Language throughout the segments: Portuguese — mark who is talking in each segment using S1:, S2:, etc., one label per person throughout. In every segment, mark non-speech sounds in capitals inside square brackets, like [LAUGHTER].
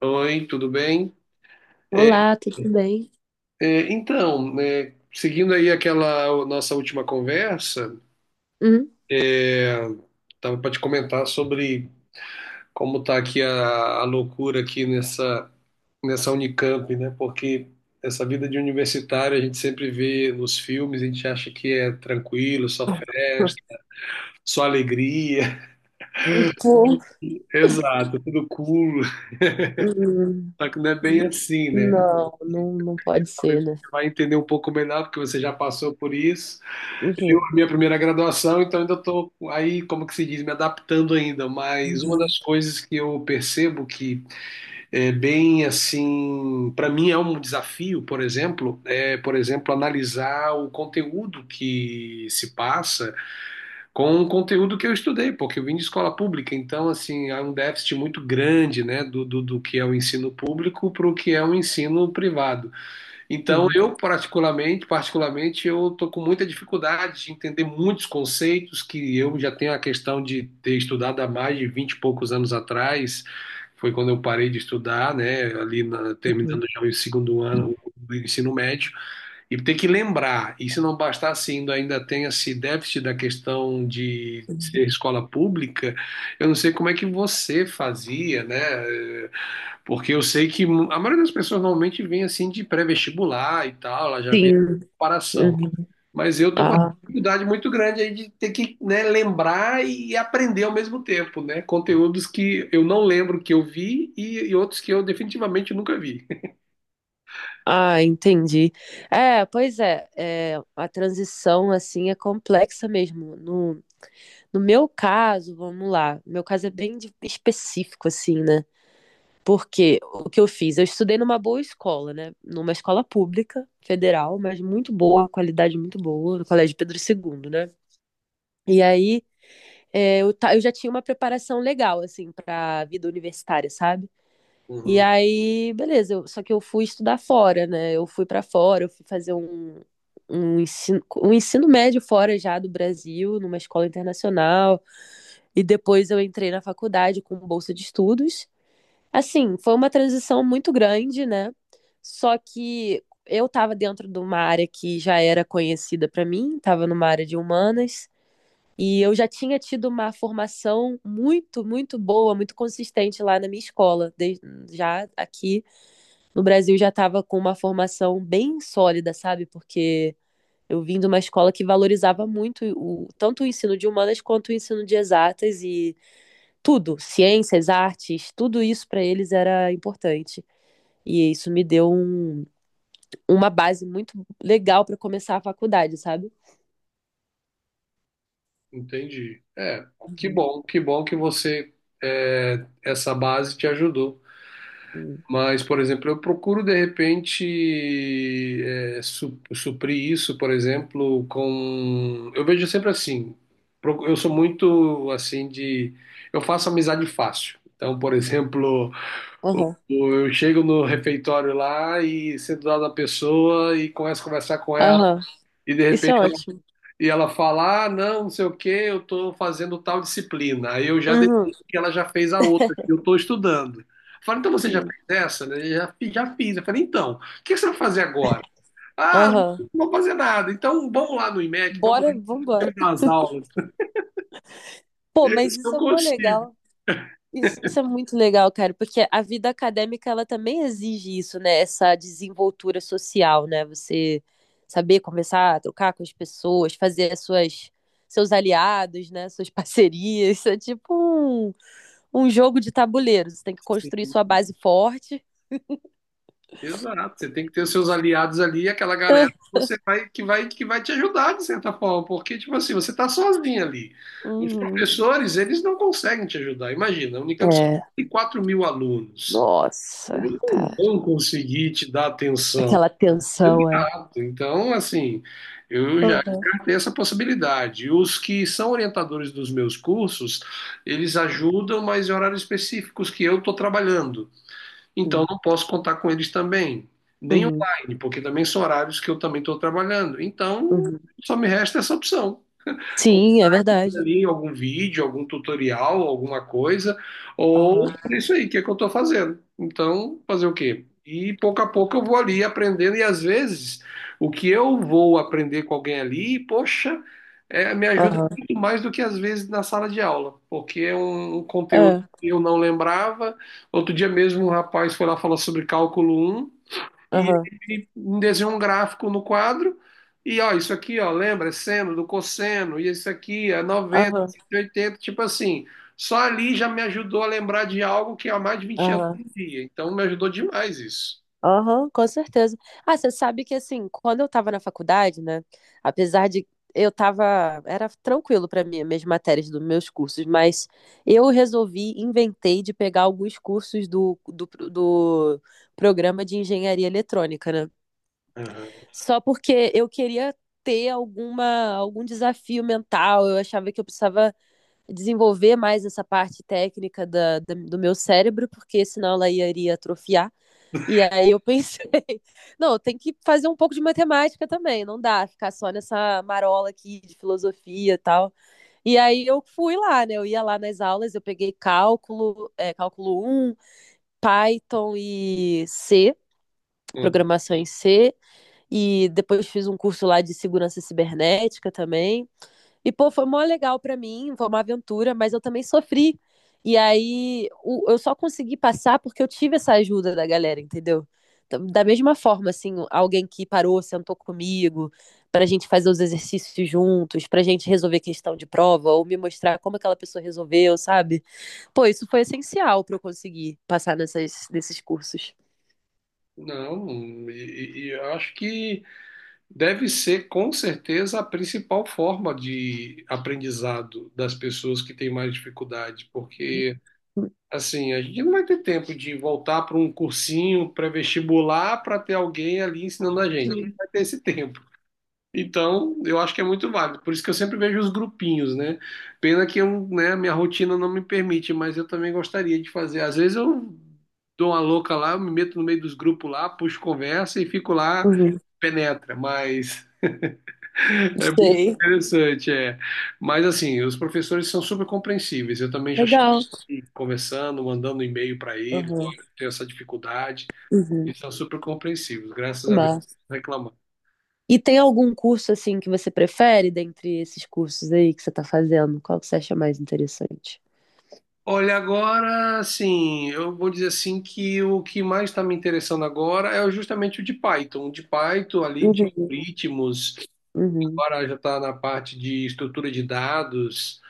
S1: Oi, tudo bem?
S2: Olá, tudo bem?
S1: É, então, é, seguindo aí aquela nossa última conversa,
S2: Hum?
S1: estava para te comentar sobre como está aqui a loucura aqui nessa Unicamp, né? Porque essa vida de universitário a gente sempre vê nos filmes, a gente acha que é tranquilo, só festa, só alegria.
S2: Pô.
S1: [LAUGHS] Exato, tudo cool.
S2: Hum.
S1: Só que não é bem assim, né?
S2: Não,
S1: E
S2: não, não pode
S1: talvez
S2: ser, né?
S1: você vai entender um pouco melhor, porque você já passou por isso. Eu, a
S2: Uhum,
S1: minha primeira graduação, então ainda estou aí, como que se diz, me adaptando ainda, mas uma
S2: uhum,
S1: das coisas que eu percebo que é bem assim, para mim é um desafio, por exemplo, é, por exemplo, analisar o conteúdo que se passa com o conteúdo que eu estudei, porque eu vim de escola pública, então assim, há um déficit muito grande, né, do que é o ensino público para o que é o ensino privado. Então,
S2: uhum,
S1: eu particularmente, particularmente, eu tô com muita dificuldade de entender muitos conceitos que eu já tenho a questão de ter estudado há mais de 20 e poucos anos atrás. Foi quando eu parei de estudar, né,
S2: uhum,
S1: terminando já o segundo ano do ensino médio, e ter que lembrar. E se não bastasse ainda, ainda tem esse déficit da questão de
S2: uhum.
S1: ser escola pública, eu não sei como é que você fazia, né? Porque eu sei que a maioria das pessoas normalmente vem assim de pré-vestibular e tal, ela já vê a
S2: Sim,
S1: comparação.
S2: uhum.
S1: Mas eu tô com uma
S2: Ah,
S1: dificuldade muito grande aí de ter que, né, lembrar e aprender ao mesmo tempo, né? Conteúdos que eu não lembro que eu vi e outros que eu definitivamente nunca vi.
S2: ah, entendi. É, pois é, é, a transição assim é complexa mesmo. No, no meu caso, vamos lá, meu caso é bem específico assim, né? Porque o que eu fiz? Eu estudei numa boa escola, né? Numa escola pública, federal, mas muito boa, qualidade muito boa, no Colégio Pedro II, né? E aí é, eu já tinha uma preparação legal, assim, pra vida universitária, sabe? E
S1: Uhum,
S2: aí, beleza, eu- só que eu fui estudar fora, né? Eu fui pra fora, eu fui fazer um ensino médio fora já do Brasil, numa escola internacional. E depois eu entrei na faculdade com bolsa de estudos. Assim, foi uma transição muito grande, né? Só que eu estava dentro de uma área que já era conhecida para mim, estava numa área de humanas, e eu já tinha tido uma formação muito, muito boa, muito consistente lá na minha escola. Já aqui no Brasil já estava com uma formação bem sólida, sabe? Porque eu vim de uma escola que valorizava muito tanto o ensino de humanas quanto o ensino de exatas e tudo, ciências, artes, tudo isso para eles era importante. E isso me deu uma base muito legal para começar a faculdade, sabe?
S1: entendi. É, que
S2: Uhum.
S1: bom, que bom que você, é, essa base te ajudou.
S2: Uhum.
S1: Mas, por exemplo, eu procuro de repente suprir isso, por exemplo, com. Eu vejo sempre assim. Eu sou muito assim de. Eu faço amizade fácil. Então, por exemplo, o-
S2: Aham.
S1: eu chego no refeitório lá e sento do lado da pessoa e começo a conversar com ela.
S2: Aham.
S1: E de
S2: Isso
S1: repente
S2: é ótimo.
S1: ela fala: Ah, não, não sei o que, eu estou fazendo tal disciplina. Aí eu já
S2: Uhum.
S1: deduzo que ela já fez a outra, que eu estou estudando. Eu falo, então você já
S2: Sim.
S1: fez essa? Né? Já, já fiz. Eu falei, então, o que você vai fazer agora? Ah,
S2: Aham.
S1: não vou fazer nada. Então vamos lá no IMEC, vamos lá,
S2: Bora,
S1: você
S2: vambora.
S1: me dá umas aulas.
S2: Pô,
S1: E
S2: mas isso
S1: eu
S2: é mó
S1: consigo.
S2: legal. Isso é muito legal, cara, porque a vida acadêmica ela também exige isso, né? Essa desenvoltura social, né? Você saber conversar, trocar com as pessoas, fazer as suas seus aliados, né? Suas [LAUGHS] parcerias. Isso é tipo um jogo de tabuleiro. Você tem que construir
S1: Assim.
S2: sua base forte.
S1: Exato, você tem que ter os seus aliados ali, aquela galera que você vai que vai que vai te ajudar de certa forma, porque tipo assim, você está sozinho ali. Os
S2: Uhum.
S1: professores, eles não conseguem te ajudar. Imagina, a Unicamp só
S2: É.
S1: tem 4 mil alunos,
S2: Nossa, cara.
S1: não conseguir te dar atenção.
S2: Aquela tensão, é.
S1: Exato. Então, assim, eu já
S2: Uhum.
S1: descartei essa possibilidade. Os que são orientadores dos meus cursos, eles ajudam, mas em horários específicos que eu estou trabalhando. Então
S2: Sim.
S1: não posso contar com eles também, nem
S2: Uhum.
S1: online, porque também são horários que eu também estou trabalhando. Então
S2: Uhum.
S1: só me resta essa opção. Ou
S2: Sim, é verdade.
S1: ali em algum vídeo, algum tutorial, alguma coisa, ou
S2: Aham.
S1: é isso aí, que é que eu estou fazendo. Então, fazer o quê? E pouco a pouco eu vou ali aprendendo, e às vezes o que eu vou aprender com alguém ali, poxa, é, me ajuda
S2: Aham.
S1: muito mais do que às vezes na sala de aula, porque é um conteúdo
S2: É.
S1: que eu não lembrava. Outro dia mesmo um rapaz foi lá falar sobre cálculo um. E
S2: Aham.
S1: ele desenhou um gráfico no quadro. E ó, isso aqui, ó, lembra? É seno do cosseno, e isso aqui é 90,
S2: Aham.
S1: 80 tipo assim. Só ali já me ajudou a lembrar de algo que há mais de 20 anos eu
S2: Aham.
S1: não via. Então me ajudou demais isso.
S2: Aham, com certeza. Ah, você sabe que assim, quando eu tava na faculdade, né? Apesar de eu tava, era tranquilo pra mim, minhas matérias dos meus cursos, mas eu resolvi, inventei de pegar alguns cursos do programa de engenharia eletrônica, né?
S1: Aham.
S2: Só porque eu queria ter algum desafio mental, eu achava que eu precisava desenvolver mais essa parte técnica do meu cérebro, porque senão ela iria atrofiar. E aí eu pensei, [LAUGHS] não, tem que fazer um pouco de matemática também, não dá ficar só nessa marola aqui de filosofia e tal. E aí eu fui lá, né? Eu ia lá nas aulas, eu peguei cálculo um Python e C,
S1: Uhum.
S2: programação em C, e depois fiz um curso lá de segurança cibernética também. E, pô, foi mó legal pra mim, foi uma aventura, mas eu também sofri. E aí eu só consegui passar porque eu tive essa ajuda da galera, entendeu? Então, da mesma forma, assim, alguém que parou, sentou comigo, pra gente fazer os exercícios juntos, pra gente resolver questão de prova, ou me mostrar como aquela pessoa resolveu, sabe? Pô, isso foi essencial pra eu conseguir passar nesses cursos.
S1: Não, e eu acho que deve ser com certeza a principal forma de aprendizado das pessoas que têm mais dificuldade, porque assim, a gente não vai ter tempo de voltar para um cursinho pré-vestibular para ter alguém ali ensinando a gente. Não
S2: Sim.
S1: vai ter esse tempo. Então, eu acho que é muito válido. Por isso que eu sempre vejo os grupinhos, né? Pena que eu, né, a minha rotina não me permite, mas eu também gostaria de fazer. Às vezes eu dou uma louca lá, eu me meto no meio dos grupos lá, puxo conversa e fico lá,
S2: Uhum.
S1: penetra. Mas [LAUGHS] é muito
S2: Sei.
S1: interessante, é. Mas assim, os professores são super compreensíveis. Eu também já
S2: Legal.
S1: e conversando, mandando e-mail para eles,
S2: Uhum.
S1: olha, eu tenho essa dificuldade.
S2: Uhum.
S1: Eles são super compreensivos, graças a Deus, não reclamam.
S2: E tem algum curso assim que você prefere dentre esses cursos aí que você está fazendo? Qual que você acha mais interessante?
S1: Olha, agora, assim, eu vou dizer assim que o que mais está me interessando agora é justamente o de Python ali, de
S2: Uhum,
S1: ritmos,
S2: uhum,
S1: agora já está na parte de estrutura de dados.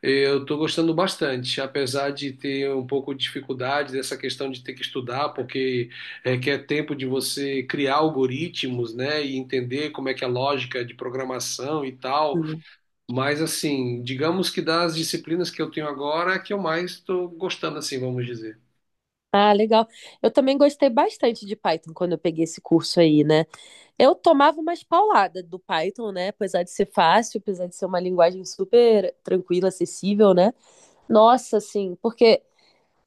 S1: Eu estou gostando bastante, apesar de ter um pouco de dificuldade dessa questão de ter que estudar, porque requer tempo de você criar algoritmos, né, e entender como é que é a lógica de programação e tal.
S2: uhum.
S1: Mas assim, digamos que das disciplinas que eu tenho agora, é a que eu mais estou gostando, assim, vamos dizer.
S2: Ah, legal. Eu também gostei bastante de Python quando eu peguei esse curso aí, né? Eu tomava umas pauladas do Python, né? Apesar de ser fácil, apesar de ser uma linguagem super tranquila, acessível, né? Nossa, assim, porque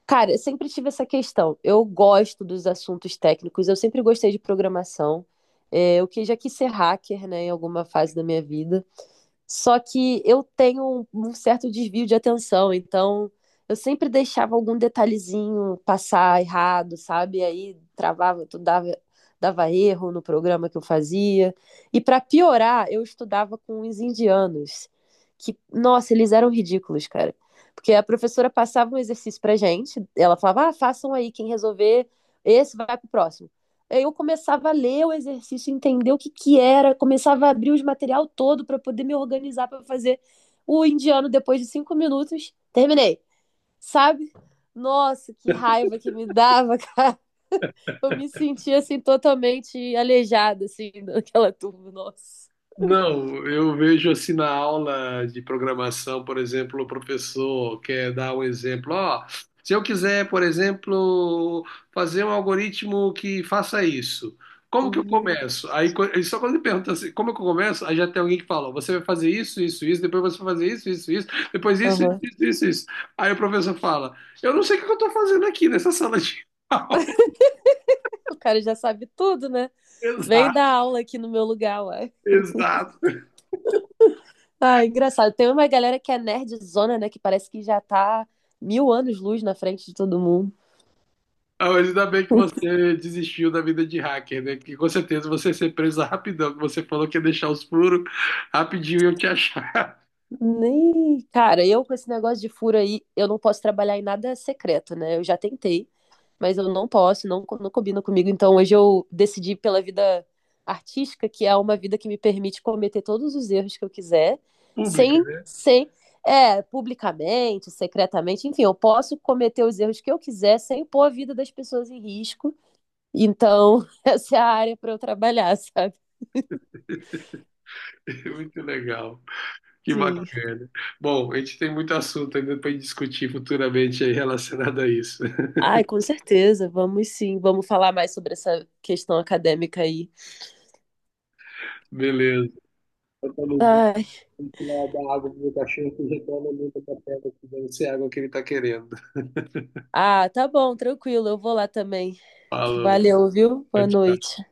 S2: cara, eu sempre tive essa questão. Eu gosto dos assuntos técnicos, eu sempre gostei de programação. É, eu que já quis ser hacker, né, em alguma fase da minha vida. Só que eu tenho um certo desvio de atenção, então eu sempre deixava algum detalhezinho passar errado, sabe? E aí travava, tu dava, dava erro no programa que eu fazia. E para piorar, eu estudava com os indianos, que, nossa, eles eram ridículos, cara. Porque a professora passava um exercício pra gente, ela falava, ah, façam aí, quem resolver esse vai pro próximo. Aí eu começava a ler o exercício, entender o que que era, começava a abrir os material todo para poder me organizar para fazer o indiano depois de 5 minutos. Terminei, sabe? Nossa, que raiva que me dava, [LAUGHS] cara. Eu me sentia assim totalmente aleijada assim daquela turma, nossa.
S1: Não, eu vejo assim na aula de programação, por exemplo, o professor quer dar um exemplo. Ó, se eu quiser, por exemplo, fazer um algoritmo que faça isso, como que eu
S2: Uhum,
S1: começo? Aí e só quando ele pergunta assim, como que eu começo? Aí já tem alguém que fala, você vai fazer isso, isso, isso, depois você vai fazer isso, isso, isso, depois isso, isso,
S2: uhum.
S1: isso, isso. Isso. Aí o professor fala, eu não sei o que eu estou fazendo aqui nessa sala de aula.
S2: O cara já sabe tudo, né?
S1: [LAUGHS]
S2: Vem
S1: Exato,
S2: dar aula aqui no meu lugar, uai.
S1: exato.
S2: Ah, engraçado. Tem uma galera que é nerdzona, né? Que parece que já tá mil anos-luz na frente de todo mundo.
S1: Ah, mas ainda bem que você desistiu da vida de hacker, né? Que com certeza você ia ser preso rapidão, que você falou que ia deixar os furos rapidinho e eu te achar. [LAUGHS]
S2: Nem. Cara, eu com esse negócio de furo aí, eu não posso trabalhar em nada secreto, né? Eu já tentei, mas eu não posso, não, não combina comigo. Então hoje eu decidi pela vida artística, que é uma vida que me permite cometer todos os erros que eu quiser,
S1: Pública,
S2: sem,
S1: né?
S2: sem, é, publicamente, secretamente, enfim, eu posso cometer os erros que eu quiser sem pôr a vida das pessoas em risco. Então, [LAUGHS] essa é a área para eu trabalhar, sabe?
S1: [LAUGHS] Muito legal, que
S2: Sim.
S1: bacana. Bom, a gente tem muito assunto ainda para discutir futuramente aí relacionado a isso. [LAUGHS]
S2: Ai, com certeza, vamos sim, vamos falar mais sobre essa questão acadêmica aí.
S1: Beleza. Eu tô no-
S2: Ai,
S1: Vou lá dar água pro meu cachorro que reclama muito da pedra, que deve água que ele tá querendo.
S2: ah, tá bom, tranquilo, eu vou lá também.
S1: Falou.
S2: Valeu, viu?
S1: Tchau,
S2: Boa
S1: tchau.
S2: noite.